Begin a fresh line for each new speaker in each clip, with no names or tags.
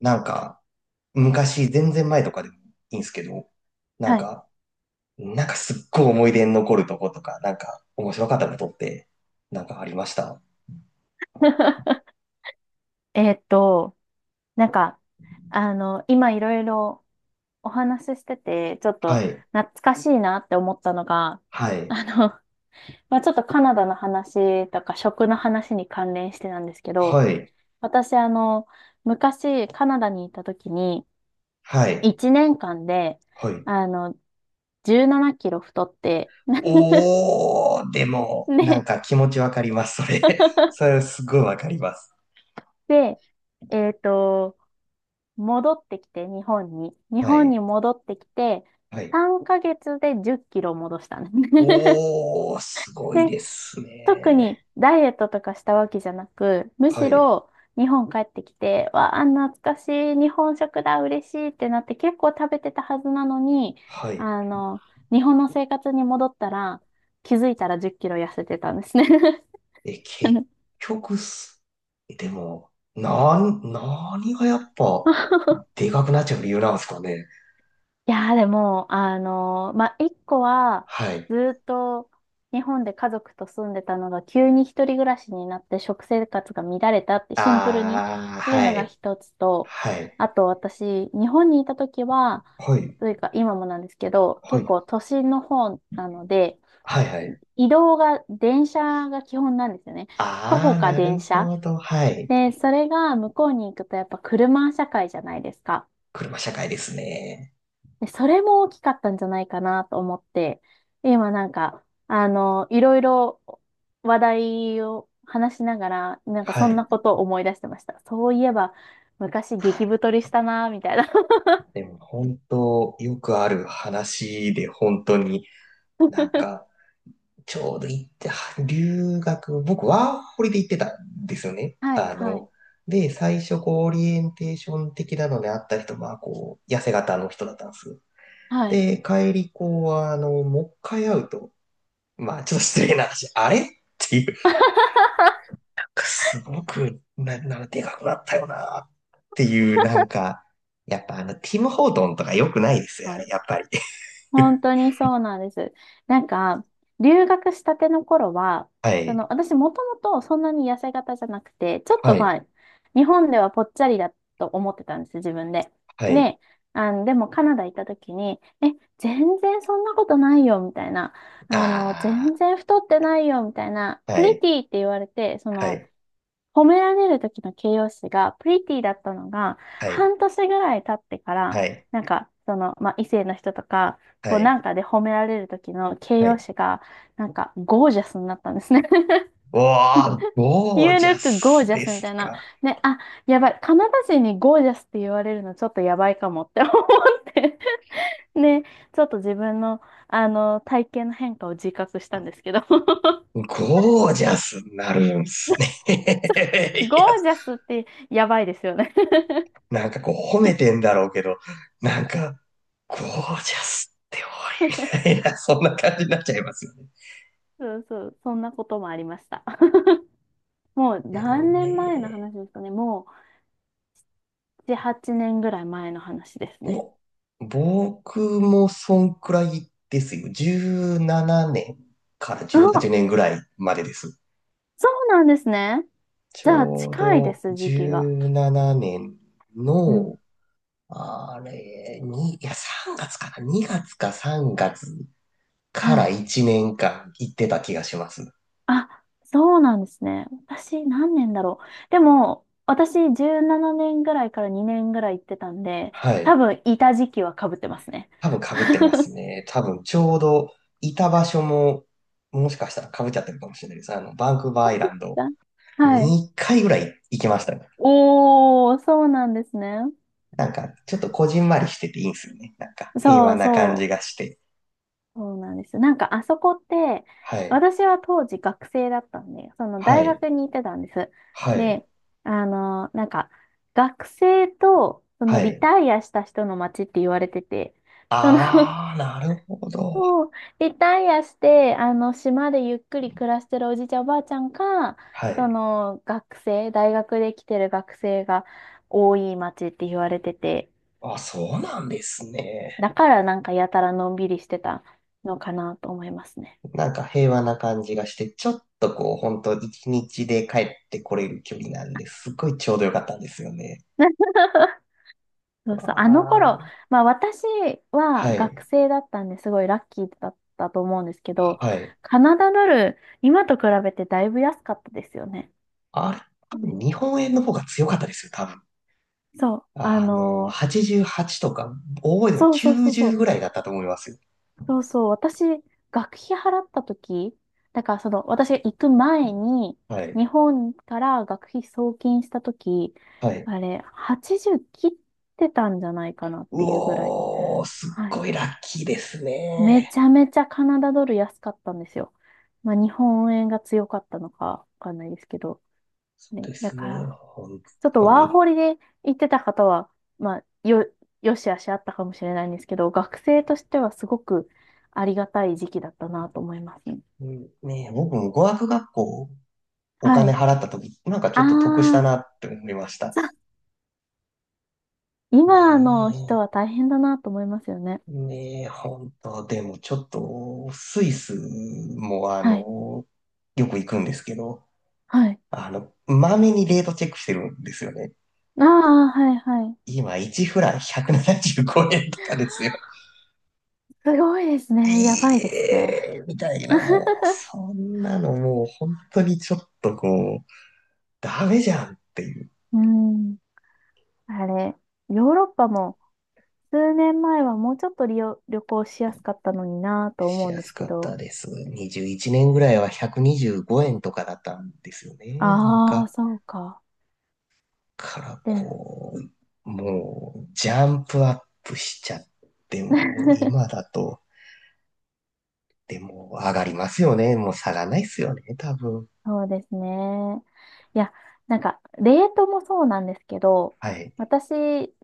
なんか、昔、全然前とかでもいいんですけど、なん
はい。
か、なんかすっごい思い出に残るとことか、なんか面白かったことって、なんかありました？
えーっと、なんか、今いろいろお話ししてて、ちょっと
はい、
懐かしいなって思ったのが、
はい、
あの、まあ、ちょっとカナダの話とか食の話に関連してなんですけど、
はい、
私、昔カナダにいた時に、
はい、
1年間で、
はい。
あの、17キロ太って、
おー、でも、なん
で、
か気持ちわかります、それ。それ すごいわかります。
で、えーっと、戻ってきて、日本に。日
は
本に
い、
戻ってきて、
はい。
3ヶ月で10キロ戻したね。
おー、すごい
で、
です
特に
ね。
ダイエットとかしたわけじゃなく、む
は
し
い、
ろ日本帰ってきて、わあ、懐かしい、日本食だ、嬉しいってなって結構食べてたはずなのに、
はい。
あの、日本の生活に戻ったら、気づいたら10キロ痩せてたんですね。
え、
あ
結
の
局す、でも、何がやっぱ、でかくなっちゃう理由なんですかね。
いやーでも、まあ、一個は、
はい。
ずーっと日本で家族と住んでたのが、急に一人暮らしになって食生活が乱れたってシンプルに
ああ、
っていう
は
のが
い。
一つと、
はい。
あと私、日本にいた時は、
はい。
というか今もなんですけど、
は
結
い。
構都心の方なので、
はい、はい。
移動が電車が基本なんですよね。徒歩
ああ、
か
なる
電車。
ほど。はい。
で、それが向こうに行くとやっぱ車社会じゃないですか。
車社会ですね。
で、それも大きかったんじゃないかなと思って、今なんか、いろいろ話題を話しながら、なんか
は
そんな
い。
ことを思い出してました。そういえば、昔激太りしたな、みたいな。
でも、本当よくある話で、本当になんか、ちょうど行って、は留学、僕、ワーホリで行ってたんですよね。
はい、
あ
はい、
の、で、最初、こう、オリエンテーション的なのであった人まあこう、痩せ型の人だったんです。
はい。
で、帰り、こう、あの、もう一回会うと、まあ、ちょっと失礼な話、あれっていう、なんかすごく、なんかでかくなったよな、っていう、なんか、やっぱあの、ティム・ホートンとか良くないですよ、
は
あれ、
い。
やっぱり。
本 当にそうなんです。なんか、留学したての頃は、
は
その、
い、
私もともとそんなに痩せ型じゃなくて、ちょっ
は
とま
い、
あ、日本ではぽっちゃりだと思ってたんです、自分で。
はい、
で、でもカナダ行った時に、え、全然そんなことないよ、みたいな。全
あ
然太ってないよ、みたいな。
あ、
プ
は
リ
い、
ティって言われて、そ
は
の、
い、
褒められる時の形容詞がプリティだったのが、
はい、
半年ぐらい経ってから、
はい。
なんか、その、まあ、異性の人とか、こ
は
う
い。
なんかで褒められる時の形
は
容
い。
詞が、なんか、ゴージャスになったんですね。
おー、ゴー
You
ジャ
look
スで
gorgeous み
す
たいな。
か。
ね、あ、やばい。カナダ人にゴージャスって言われるのちょっとやばいかもって思って。ね、ちょっと自分の、体型の変化を自覚したんですけど。
ゴージャスになるんすね。いや、
ゴージャスってやばいですよね。
なんかこう褒めてんだろうけど、なんか、ゴージャスって多いみたいな、そんな感じになっちゃいますよね。
そうそう、そんなこともありました。もう
でも
何年前の
ね、
話ですかね。もう7、8年ぐらい前の話ですね。
お、僕もそんくらいですよ。17年から18
あ、
年ぐらいまでです。
そうなんですね。
ち
じゃあ
ょう
近いで
ど
す、時期
17
が。
年
うん。
のあれ、に、いや、3月かな？ 2 月か3月か
は
ら
い。
1年間行ってた気がします。
あ、そうなんですね。私何年だろう。でも、私17年ぐらいから2年ぐらい行ってたんで、
は
多
い。
分いた時期は被ってますね。
多分被ってます ね。多分ちょうどいた場所も、もしかしたら被っちゃってるかもしれないです。あの、バンクーバーアイランド
だはい。
2回ぐらい行きましたね。
おー、そうなんですね。
なんか、ちょっとこじんまりしてていいんですよね。なんか、平
そ
和
う
な感じ
そう。
がして。
そうなんです。なんかあそこって、
はい。
私は当時学生だったんで、その
は
大
い。
学に行ってたんです。
はい。
で、なんか学生とそ
は
のリ
い。
タイアした人の街って言われてて、その
あー、なるほど。
そうリタイアして、島でゆっくり暮らしてるおじいちゃんおばあちゃんか、
は
そ
い。
の学生、大学で来てる学生が多い街って言われてて、
あ、そうなんですね。
だからなんかやたらのんびりしてたのかなと思いますね。
なんか平和な感じがして、ちょっとこう、本当一日で帰ってこれる距離なんで、すっごいちょうどよかったんですよね。
そ
わ
うそう、あの頃、
ー。
まあ私は
はい。
学生だったんですごいラッキーだったと思うんですけど、
はい。
カナダドル、今と比べてだいぶ安かったですよね。
あれ、多
ね。
分日本円の方が強かったですよ、多分。
そう、
あの、88とか、覚えても
そうそうそうそ
90
う、
ぐらいだったと思いますよ。
そうそう、私、学費払った時、だからその、私が行く前に、
はい。
日本から学費送金した時、
はい。
あれ、80切ってたんじゃないかなっ
う
ていうぐらい。
おー、すっ
はい。
ごいラッキーです
め
ね。
ちゃめちゃカナダドル安かったんですよ。まあ、日本円が強かったのかわかんないですけど。
そう
ね、
で
だ
す
か
ね、
ら、
本
ちょっと
当
ワー
に。
ホリで行ってた方は、まあ、よしあしあったかもしれないんですけど、学生としてはすごくありがたい時期だったなと思いますね。
うんねえ、僕も語学学校お
は
金
い。
払った時、なんかち
あ
ょっと得した
あ、
なって思いました。
さ
ね
今の人は大変だなと思いますよね。
え、ねえ、本当でもちょっと、スイスもあ
はい。
の、よく行くんですけど、
はい。
あの、まめにレートチェックしてるんですよね。
ああ、はい、はい。
今、1フラン175円とかですよ。
すごいです
い
ね。やばいですね。
え、みたいな、もう、そんなのもう、本当にちょっとこう、ダメじゃんっていう。
うん。あれ、ヨーロッパも数年前はもうちょっと旅行しやすかったのになぁと
し
思うん
や
で
す
すけ
かった
ど。
です。21年ぐらいは125円とかだったんですよね。なん
ああ、
か、
そうか。
から
で、
こう、もう、ジャンプアップしちゃってもう、今 だと、でも、上がりますよね。もう下がらないっすよね、多分。
そうですね。いや、なんか、レートもそうなんですけど、
はい。
私、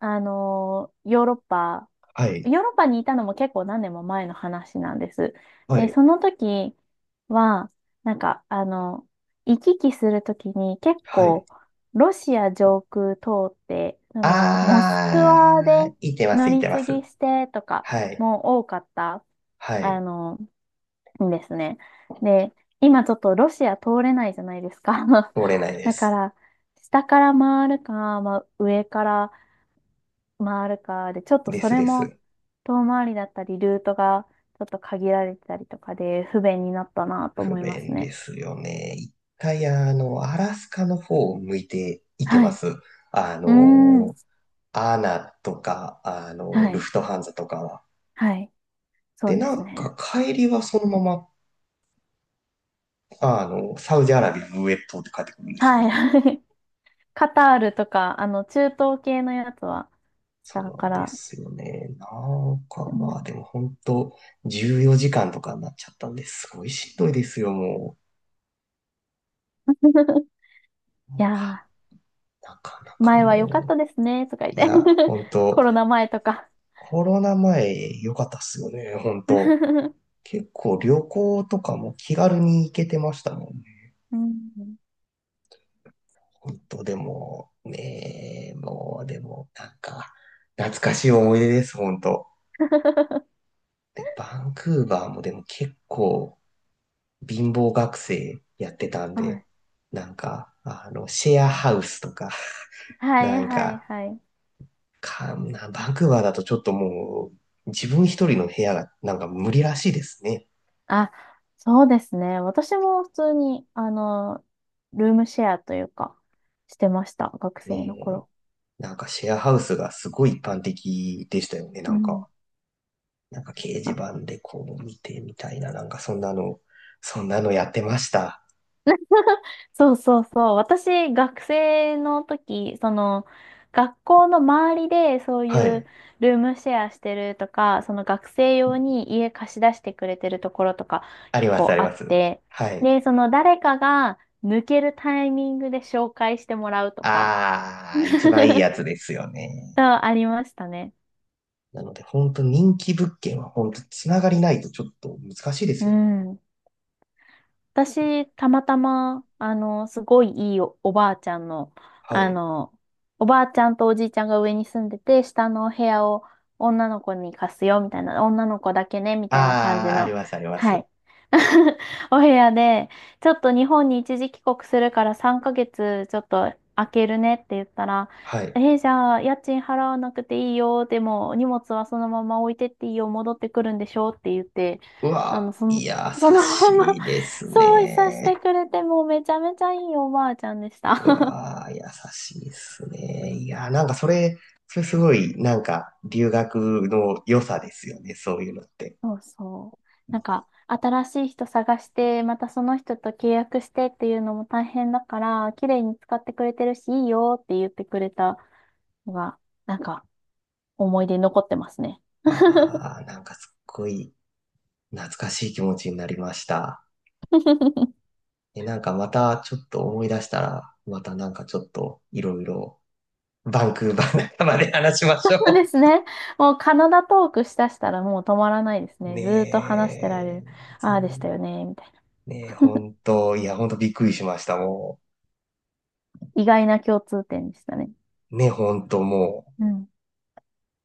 あのーヨーロッパ
は
ヨ
い。
ーロッパにいたのも結構何年も前の話なんです。
は
で、
い。
その時は、なんか、行き来する時に結
はい。
構、ロシア上空通って、モスクワで
あー、いてます、
乗
い
り
てま
継ぎ
す。
してとか
はい。
も多かった、
は
あ
い。
の、んですね。で、今ちょっとロシア通れないじゃないですか。
通れないで
だか
す。
ら、下から回るか、まあ、上から回るかで、ちょっと
で
そ
す
れ
で
も
す。
遠回りだったり、ルートがちょっと限られてたりとかで不便になったなと
不
思います
便で
ね。
すよね。一回、あの、アラスカの方を向いていて
は
ま
い。
す。あ
うーん。
の、アナとか、あの、
は
ル
い。
フトハンザとかは。
はい。そ
で、
うで
な
す
ん
ね。
か帰りはそのまま、あの、サウジアラビアの上通って帰ってくるんですよ
は
ね。
い。カタールとか、中東系のやつはし
そう
た
な
か
んで
ら。
すよね。なんか
うん
まあ、でも本当14時間とかになっちゃったんですごいしんどいですよ、も う。う
い
わ
や
なかな
ー、
か
前
も
は良かっ
う。
たですね、とか言っ
い
て。
や、本
コ
当
ロナ前とか。
コロナ前良かったっすよね、本当。
う
結構旅行とかも気軽に行けてましたもんね。
ん
本当でも、ねえ、もうでも、なんか、懐かしい思い出です、本当。で、バンクーバーもでも結構貧乏学生やってたん
はい。
で、なんか、あの、シェアハウスとか、
は
な
い、
ん
はい、
か、
はい。
バンクーバーだとちょっともう、自分一人の部屋がなんか無理らしいですね。
あ、そうですね。私も普通に、ルームシェアというか、してました。学
ね
生の
え
頃。
なんかシェアハウスがすごい一般的でしたよね、
う
なん
ん。
か。なんか掲示
あ、
板でこう見てみたいな、なんかそんなのやってました。
そうそうそう。私、学生の時、その、学校の周りで、そう
は
いう
い。
ルームシェアしてるとか、その学生用に家貸し出してくれてるところとか、
あり
結
ます、あ
構
り
あ
ま
っ
す。
て、
はい。
で、その誰かが抜けるタイミングで紹介してもらうとか、
あ
そ
あ、一番いいや
う
つですよね。
ありましたね。
なので、本当人気物件は本当つながりないとちょっと難しいです
う
よね。
ん。私、たまたま、すごいいいおばあちゃんの、
は
あ
い。
の、おばあちゃんとおじいちゃんが上に住んでて、下のお部屋を女の子に貸すよ、みたいな、女の子だけね、みたいな感じ
ああ、あり
の、
ます、ありま
は
す。
い。お部屋で、ちょっと日本に一時帰国するから3ヶ月ちょっと空けるねって言ったら、
はい。
えーじゃあ家賃払わなくていいよ、でも荷物はそのまま置いてっていいよ、戻ってくるんでしょって言って、
う
あ
わ
の、そ
ー、
の、
いや
そ
ー、優
のまま
しいです
そう、いさして
ね。
くれて、もうめちゃめちゃいいおばあちゃんでした。
う わー、優しいっすね。いやー、なんかそれすごい、なんか留学の良さですよね、そういうのって。
そうそう。なんか、新しい人探して、またその人と契約してっていうのも大変だから、綺麗に使ってくれてるし、いいよって言ってくれたのが、なんか、思い出に残ってますね。
わー、なんかすっごい懐かしい気持ちになりました。え、なんかまたちょっと思い出したら、またなんかちょっといろいろバンクーバー仲間で話しま
そ
しょ
うですね。もうカナダトークしだしたらもう止まらないです
う。
ね。ずーっと話してられ
ねえ、
る。ああでしたよね、みたいな。
ねえ、ほんと、いや、ほんとびっくりしました、も
意外な共通点でしたね。
う。ねほんともう。
うん